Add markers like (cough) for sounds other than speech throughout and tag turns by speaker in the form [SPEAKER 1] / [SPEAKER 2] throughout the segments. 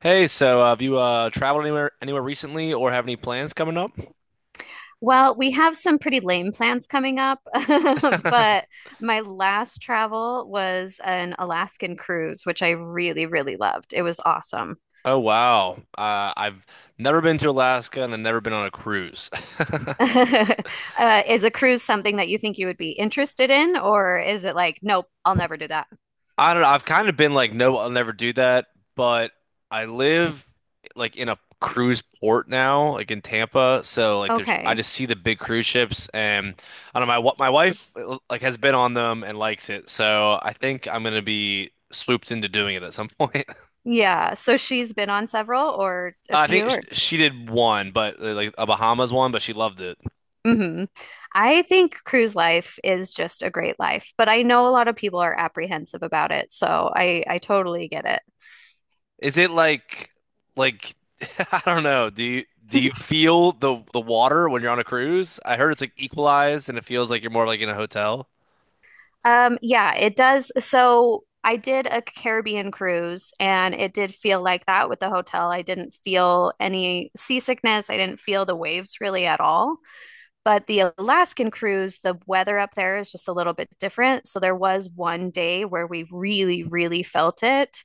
[SPEAKER 1] Hey, have you traveled anywhere recently, or have any plans coming up?
[SPEAKER 2] Well, we have some pretty lame plans coming up, (laughs) but
[SPEAKER 1] (laughs)
[SPEAKER 2] my last travel was an Alaskan cruise, which I really, really loved. It was awesome.
[SPEAKER 1] Oh wow, I've never been to Alaska and I've never been on a cruise. (laughs)
[SPEAKER 2] (laughs) Is a cruise something that you think you would be interested in, or is it like, nope, I'll never do that?
[SPEAKER 1] I don't know. I've kind of been like, no, I'll never do that. But I live like in a cruise port now, like in Tampa. So like, there's I
[SPEAKER 2] Okay.
[SPEAKER 1] just see the big cruise ships, and I don't know. My wife like has been on them and likes it. So I think I'm gonna be swooped into doing it at some (laughs) point.
[SPEAKER 2] Yeah. So she's been on several or a
[SPEAKER 1] I
[SPEAKER 2] few
[SPEAKER 1] think
[SPEAKER 2] or
[SPEAKER 1] she did one, but like a Bahamas one, but she loved it.
[SPEAKER 2] hmm. I think cruise life is just a great life, but I know a lot of people are apprehensive about it, so I totally get it.
[SPEAKER 1] Is it like, (laughs) I don't know. Do you
[SPEAKER 2] (laughs)
[SPEAKER 1] feel the water when you're on a cruise? I heard it's like equalized and it feels like you're more like in a hotel.
[SPEAKER 2] Yeah, it does. So I did a Caribbean cruise and it did feel like that with the hotel. I didn't feel any seasickness. I didn't feel the waves really at all. But the Alaskan cruise, the weather up there is just a little bit different. So there was 1 day where we really, really felt it.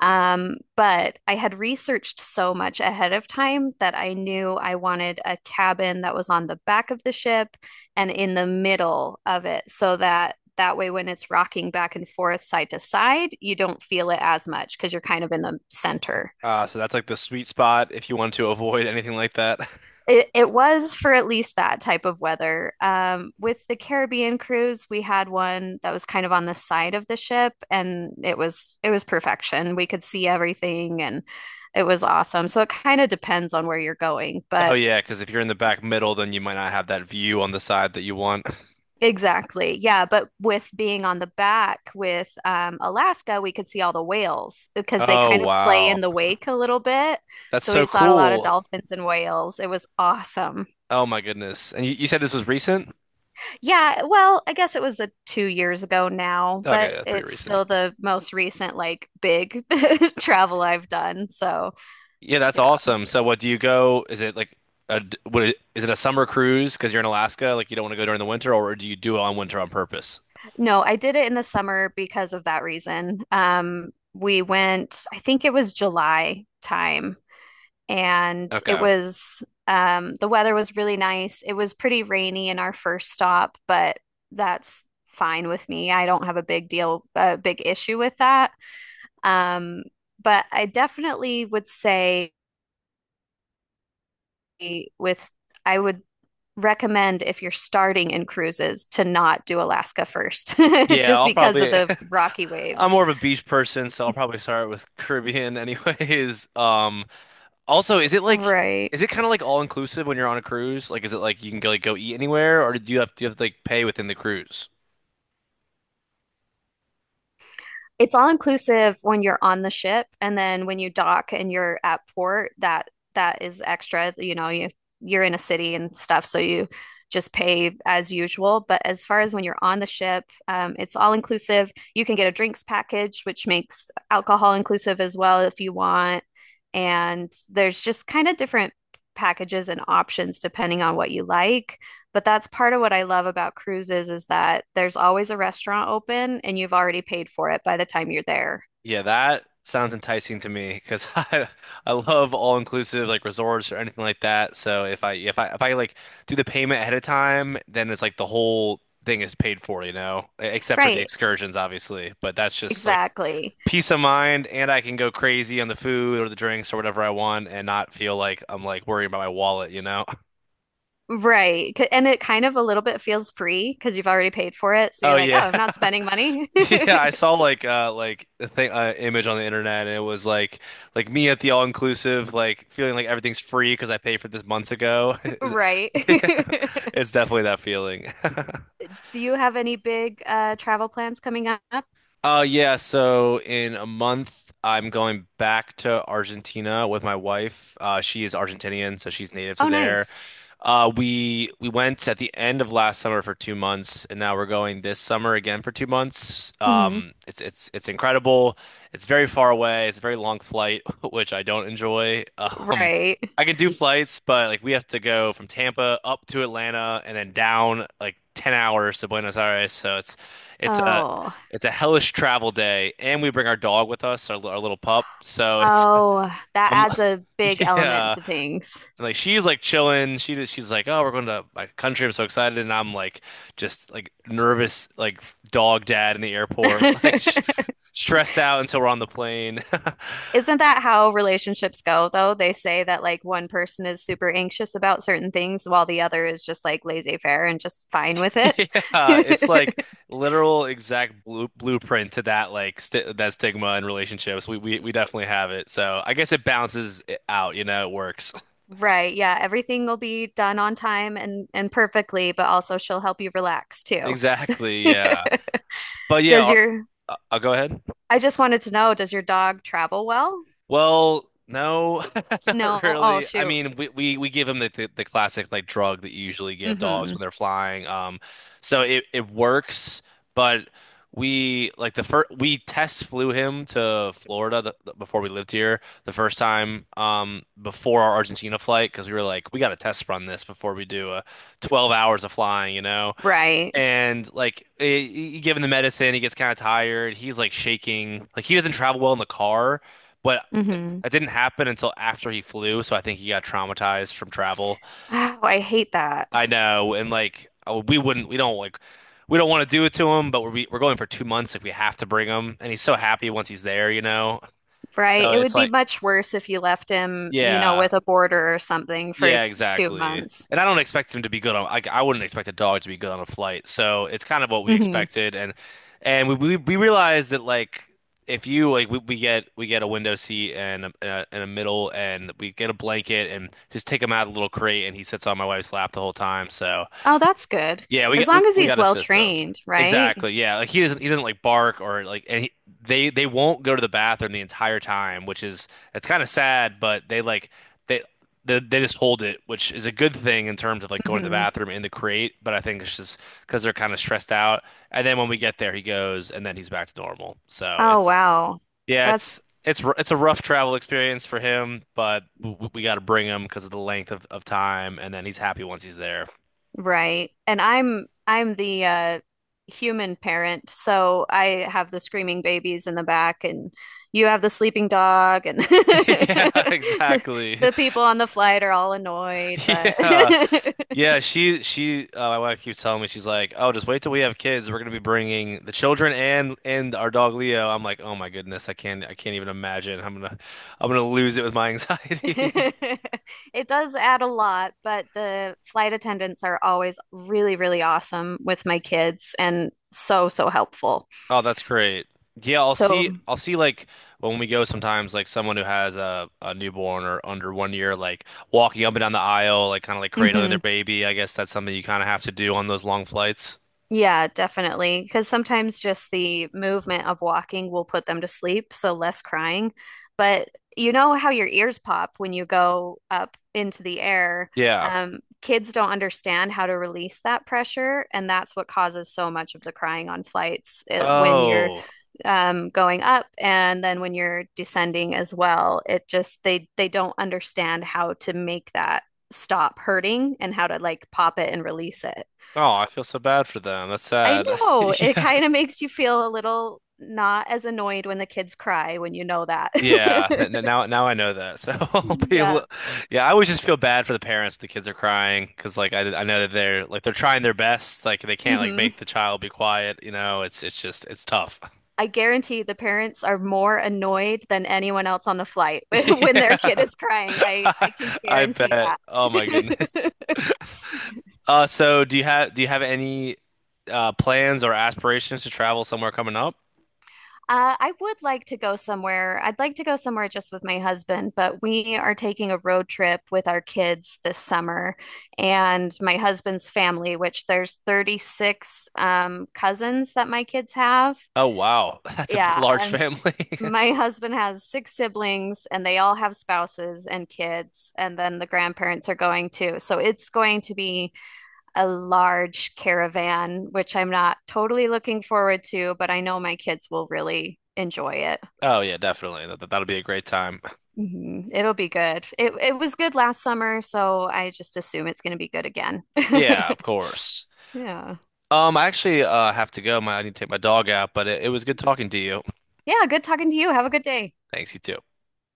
[SPEAKER 2] But I had researched so much ahead of time that I knew I wanted a cabin that was on the back of the ship and in the middle of it so that way when it's rocking back and forth side to side, you don't feel it as much because you're kind of in the center.
[SPEAKER 1] So that's like the sweet spot if you want to (laughs) avoid anything like that. (laughs)
[SPEAKER 2] It was for at least that type of weather. With the Caribbean cruise, we had one that was kind of on the side of the ship, and it was perfection. We could see everything, and it was awesome. So it kind of depends on where you're going,
[SPEAKER 1] Oh
[SPEAKER 2] but
[SPEAKER 1] yeah, because if you're in the back middle, then you might not have that view on the side that you want. (laughs)
[SPEAKER 2] exactly, yeah. But with being on the back with Alaska, we could see all the whales because they
[SPEAKER 1] Oh
[SPEAKER 2] kind of play in
[SPEAKER 1] wow,
[SPEAKER 2] the wake a little bit.
[SPEAKER 1] that's
[SPEAKER 2] So
[SPEAKER 1] so
[SPEAKER 2] we saw a lot of
[SPEAKER 1] cool.
[SPEAKER 2] dolphins and whales. It was awesome.
[SPEAKER 1] Oh my goodness. And you said this was recent?
[SPEAKER 2] Yeah, well, I guess it was a 2 years ago now,
[SPEAKER 1] Okay,
[SPEAKER 2] but
[SPEAKER 1] that's pretty
[SPEAKER 2] it's
[SPEAKER 1] recent.
[SPEAKER 2] still the most recent like big (laughs) travel I've done. So,
[SPEAKER 1] Yeah, that's
[SPEAKER 2] yeah.
[SPEAKER 1] awesome. So what do you go? Is it like a d- what I- Is it a summer cruise because you're in Alaska, like you don't want to go during the winter, or do you do it on winter on purpose?
[SPEAKER 2] No, I did it in the summer because of that reason. We went, I think it was July time, and it
[SPEAKER 1] Okay.
[SPEAKER 2] was the weather was really nice. It was pretty rainy in our first stop, but that's fine with me. I don't have a big deal, a big issue with that. Um, but I definitely would say with I would recommend if you're starting in cruises to not do Alaska first, (laughs)
[SPEAKER 1] Yeah,
[SPEAKER 2] just
[SPEAKER 1] I'll
[SPEAKER 2] because of
[SPEAKER 1] probably (laughs)
[SPEAKER 2] the rocky
[SPEAKER 1] I'm
[SPEAKER 2] waves.
[SPEAKER 1] more of a beach person, so I'll probably start with (laughs) Caribbean anyways. Also, is
[SPEAKER 2] Right.
[SPEAKER 1] it kind of like all inclusive when you're on a cruise? Like is it like you can go eat anywhere or do you have to like pay within the cruise?
[SPEAKER 2] It's all inclusive when you're on the ship, and then when you dock and you're at port, that is extra. You know, you you're in a city and stuff, so you just pay as usual. But as far as when you're on the ship, it's all inclusive. You can get a drinks package, which makes alcohol inclusive as well if you want. And there's just kind of different packages and options depending on what you like. But that's part of what I love about cruises is that there's always a restaurant open and you've already paid for it by the time you're there.
[SPEAKER 1] Yeah, that sounds enticing to me because (laughs) I love all-inclusive like resorts or anything like that. So if I like do the payment ahead of time, then it's like the whole thing is paid for, you know, E- except for the
[SPEAKER 2] Right,
[SPEAKER 1] excursions, obviously. But that's just like
[SPEAKER 2] exactly.
[SPEAKER 1] peace of mind, and I can go crazy on the food or the drinks or whatever I want, and not feel like I'm like worrying about my wallet, you know? (laughs)
[SPEAKER 2] Right. C- And it kind of a little bit feels free because you've already paid for it. So
[SPEAKER 1] Oh
[SPEAKER 2] you're like, oh,
[SPEAKER 1] yeah.
[SPEAKER 2] I'm not
[SPEAKER 1] (laughs)
[SPEAKER 2] spending money. (laughs)
[SPEAKER 1] (laughs) Yeah, I saw like a thing image on the internet and it was like me at the all inclusive like feeling like everything's free because I paid for this months ago. (laughs) Is it-
[SPEAKER 2] Right.
[SPEAKER 1] (laughs) Yeah, it's definitely that feeling. (laughs)
[SPEAKER 2] (laughs) Do you have any big travel plans coming up?
[SPEAKER 1] Yeah, so in a month, I'm going back to Argentina with my wife. She is Argentinian, so she's native to
[SPEAKER 2] Oh,
[SPEAKER 1] there.
[SPEAKER 2] nice.
[SPEAKER 1] We went at the end of last summer for 2 months, and now we're going this summer again for 2 months.
[SPEAKER 2] Hmm.
[SPEAKER 1] It's incredible. It's very far away. It's a very long flight, (laughs) which I don't enjoy. Um,
[SPEAKER 2] Right.
[SPEAKER 1] I can do flights, but like we have to go from Tampa up to Atlanta and then down like 10 hours to Buenos Aires, so it's a
[SPEAKER 2] Oh.
[SPEAKER 1] it's a hellish travel day, and we bring our dog with us, our little pup. So it's
[SPEAKER 2] Oh, that
[SPEAKER 1] I'm
[SPEAKER 2] adds a
[SPEAKER 1] (laughs)
[SPEAKER 2] big element
[SPEAKER 1] yeah,
[SPEAKER 2] to things.
[SPEAKER 1] and like she's like chilling. She's like, oh, we're going to my country. I'm so excited, and I'm like just like nervous, like dog dad in the
[SPEAKER 2] (laughs)
[SPEAKER 1] airport, (laughs) like sh stressed out until we're on the plane. (laughs)
[SPEAKER 2] Isn't that how relationships go, though? They say that like one person is super anxious about certain things while the other is just like laissez-faire and just fine with it.
[SPEAKER 1] Yeah, it's like
[SPEAKER 2] (laughs)
[SPEAKER 1] literal exact blueprint to that like st that stigma in relationships. We definitely have it. So I guess it balances it out, you know, it works. (laughs)
[SPEAKER 2] Right, yeah, everything will be done on time and perfectly, but also she'll help you relax too. (laughs)
[SPEAKER 1] Exactly, yeah. But yeah,
[SPEAKER 2] Does
[SPEAKER 1] are-
[SPEAKER 2] your
[SPEAKER 1] I'll go ahead.
[SPEAKER 2] I just wanted to know, does your dog travel well?
[SPEAKER 1] Well, no, (laughs)
[SPEAKER 2] No.
[SPEAKER 1] not
[SPEAKER 2] Oh,
[SPEAKER 1] really. I
[SPEAKER 2] shoot.
[SPEAKER 1] mean, we give them the classic like drug that you usually give dogs
[SPEAKER 2] Mm-hmm.
[SPEAKER 1] when they're flying. So it works, but we like the first we test flew him to Florida before we lived here the first time before our Argentina flight because we were like we got to test run this before we do 12 hours of flying, you know.
[SPEAKER 2] Right.
[SPEAKER 1] And like given the medicine, he gets kind of tired. He's like shaking. Like he doesn't travel well in the car, but
[SPEAKER 2] Mm-hmm.
[SPEAKER 1] that didn't happen until after he flew. So I think he got traumatized from travel.
[SPEAKER 2] Oh, I hate that.
[SPEAKER 1] I know. And like oh, we don't like, we don't want to do it to him, but we're going for 2 months. Like we have to bring him, and he's so happy once he's there, you know.
[SPEAKER 2] Right.
[SPEAKER 1] So
[SPEAKER 2] It
[SPEAKER 1] it's
[SPEAKER 2] would be
[SPEAKER 1] like,
[SPEAKER 2] much worse if you left him, you know,
[SPEAKER 1] yeah.
[SPEAKER 2] with a border or something for
[SPEAKER 1] Yeah,
[SPEAKER 2] two
[SPEAKER 1] exactly.
[SPEAKER 2] months.
[SPEAKER 1] And I don't expect him to be good on I wouldn't expect a dog to be good on a flight. So it's kind of what we
[SPEAKER 2] Hmm.
[SPEAKER 1] expected and we realized that like if you like we, we get a window seat and a middle and we get a blanket and just take him out of the little crate and he sits on my wife's lap the whole time. So
[SPEAKER 2] Oh, that's good.
[SPEAKER 1] yeah,
[SPEAKER 2] As long as
[SPEAKER 1] we
[SPEAKER 2] he's
[SPEAKER 1] got a
[SPEAKER 2] well
[SPEAKER 1] system.
[SPEAKER 2] trained, right?
[SPEAKER 1] Exactly. Yeah, like
[SPEAKER 2] Yeah.
[SPEAKER 1] he doesn't like bark or like and he, they won't go to the bathroom the entire time, which is it's kind of sad, but they like they, they just hold it, which is a good thing in terms of like going to the
[SPEAKER 2] Hmm.
[SPEAKER 1] bathroom in the crate, but I think it's just because they're kind of stressed out. And then when we get there, he goes and then he's back to normal. So
[SPEAKER 2] Oh,
[SPEAKER 1] it's
[SPEAKER 2] wow.
[SPEAKER 1] yeah,
[SPEAKER 2] That's
[SPEAKER 1] it's a rough travel experience for him, but we got to bring him because of the length of time, and then he's happy once he's there.
[SPEAKER 2] right. And I'm the human parent, so I have the screaming babies in the back and you have the sleeping dog and
[SPEAKER 1] (laughs)
[SPEAKER 2] (laughs)
[SPEAKER 1] Yeah, exactly.
[SPEAKER 2] the people on the flight are all annoyed, but
[SPEAKER 1] Yeah.
[SPEAKER 2] (laughs)
[SPEAKER 1] Yeah, she my wife keeps telling me she's like, "Oh, just wait till we have kids. We're going to be bringing the children and our dog Leo." I'm like, "Oh my goodness, I can't even imagine. I'm gonna lose it with my
[SPEAKER 2] (laughs)
[SPEAKER 1] anxiety." (laughs)
[SPEAKER 2] it does add a lot, but the flight attendants are always really, really awesome with my kids and so, so helpful.
[SPEAKER 1] Oh, that's great. Yeah,
[SPEAKER 2] So,
[SPEAKER 1] I'll see like when we go sometimes like someone who has a newborn or under 1 year like walking up and down the aisle like kind of like cradling their
[SPEAKER 2] mhm.
[SPEAKER 1] baby. I guess that's something you kind of have to do on those long flights.
[SPEAKER 2] Yeah, definitely. Because sometimes just the movement of walking will put them to sleep, so less crying. But you know how your ears pop when you go up into the air.
[SPEAKER 1] Yeah.
[SPEAKER 2] Kids don't understand how to release that pressure, and that's what causes so much of the crying on flights when you're
[SPEAKER 1] Oh.
[SPEAKER 2] going up and then when you're descending as well. It just they don't understand how to make that stop hurting and how to like pop it and release it.
[SPEAKER 1] Oh, I feel so bad for them. That's
[SPEAKER 2] I
[SPEAKER 1] sad.
[SPEAKER 2] know.
[SPEAKER 1] (laughs)
[SPEAKER 2] It
[SPEAKER 1] Yeah.
[SPEAKER 2] kind of makes you feel a little not as annoyed when the kids cry when you know that.
[SPEAKER 1] Yeah.
[SPEAKER 2] (laughs)
[SPEAKER 1] Now I know that. So (laughs) I'll be a li-
[SPEAKER 2] Yeah.
[SPEAKER 1] yeah, I always just feel bad for the parents. If the kids are crying because, like, I know that they're like they're trying their best. Like, they can't like
[SPEAKER 2] Hmm.
[SPEAKER 1] make the child be quiet. You know, it's tough. (laughs)
[SPEAKER 2] I guarantee the parents are more annoyed than anyone else on the flight (laughs) when their kid
[SPEAKER 1] Yeah.
[SPEAKER 2] is crying.
[SPEAKER 1] (laughs) I
[SPEAKER 2] I can
[SPEAKER 1] I
[SPEAKER 2] guarantee
[SPEAKER 1] bet. Oh my goodness.
[SPEAKER 2] that. (laughs)
[SPEAKER 1] So do you have any plans or aspirations to travel somewhere coming up?
[SPEAKER 2] I would like to go somewhere. I'd like to go somewhere just with my husband, but we are taking a road trip with our kids this summer and my husband's family, which there's 36 cousins that my kids have.
[SPEAKER 1] Oh wow, (laughs) that's a
[SPEAKER 2] Yeah,
[SPEAKER 1] large
[SPEAKER 2] and
[SPEAKER 1] family. (laughs)
[SPEAKER 2] my husband has six siblings and they all have spouses and kids, and then the grandparents are going too. So it's going to be a large caravan, which I'm not totally looking forward to, but I know my kids will really enjoy it.
[SPEAKER 1] Oh yeah, definitely. That'll be a great time.
[SPEAKER 2] Mhm. It'll be good. It was good last summer, so I just assume it's going to be good again.
[SPEAKER 1] Yeah, of
[SPEAKER 2] (laughs)
[SPEAKER 1] course.
[SPEAKER 2] Yeah.
[SPEAKER 1] I actually have to go. My, I need to take my dog out, but it was good talking to you.
[SPEAKER 2] Yeah, good talking to you. Have a good day.
[SPEAKER 1] Thanks, you too.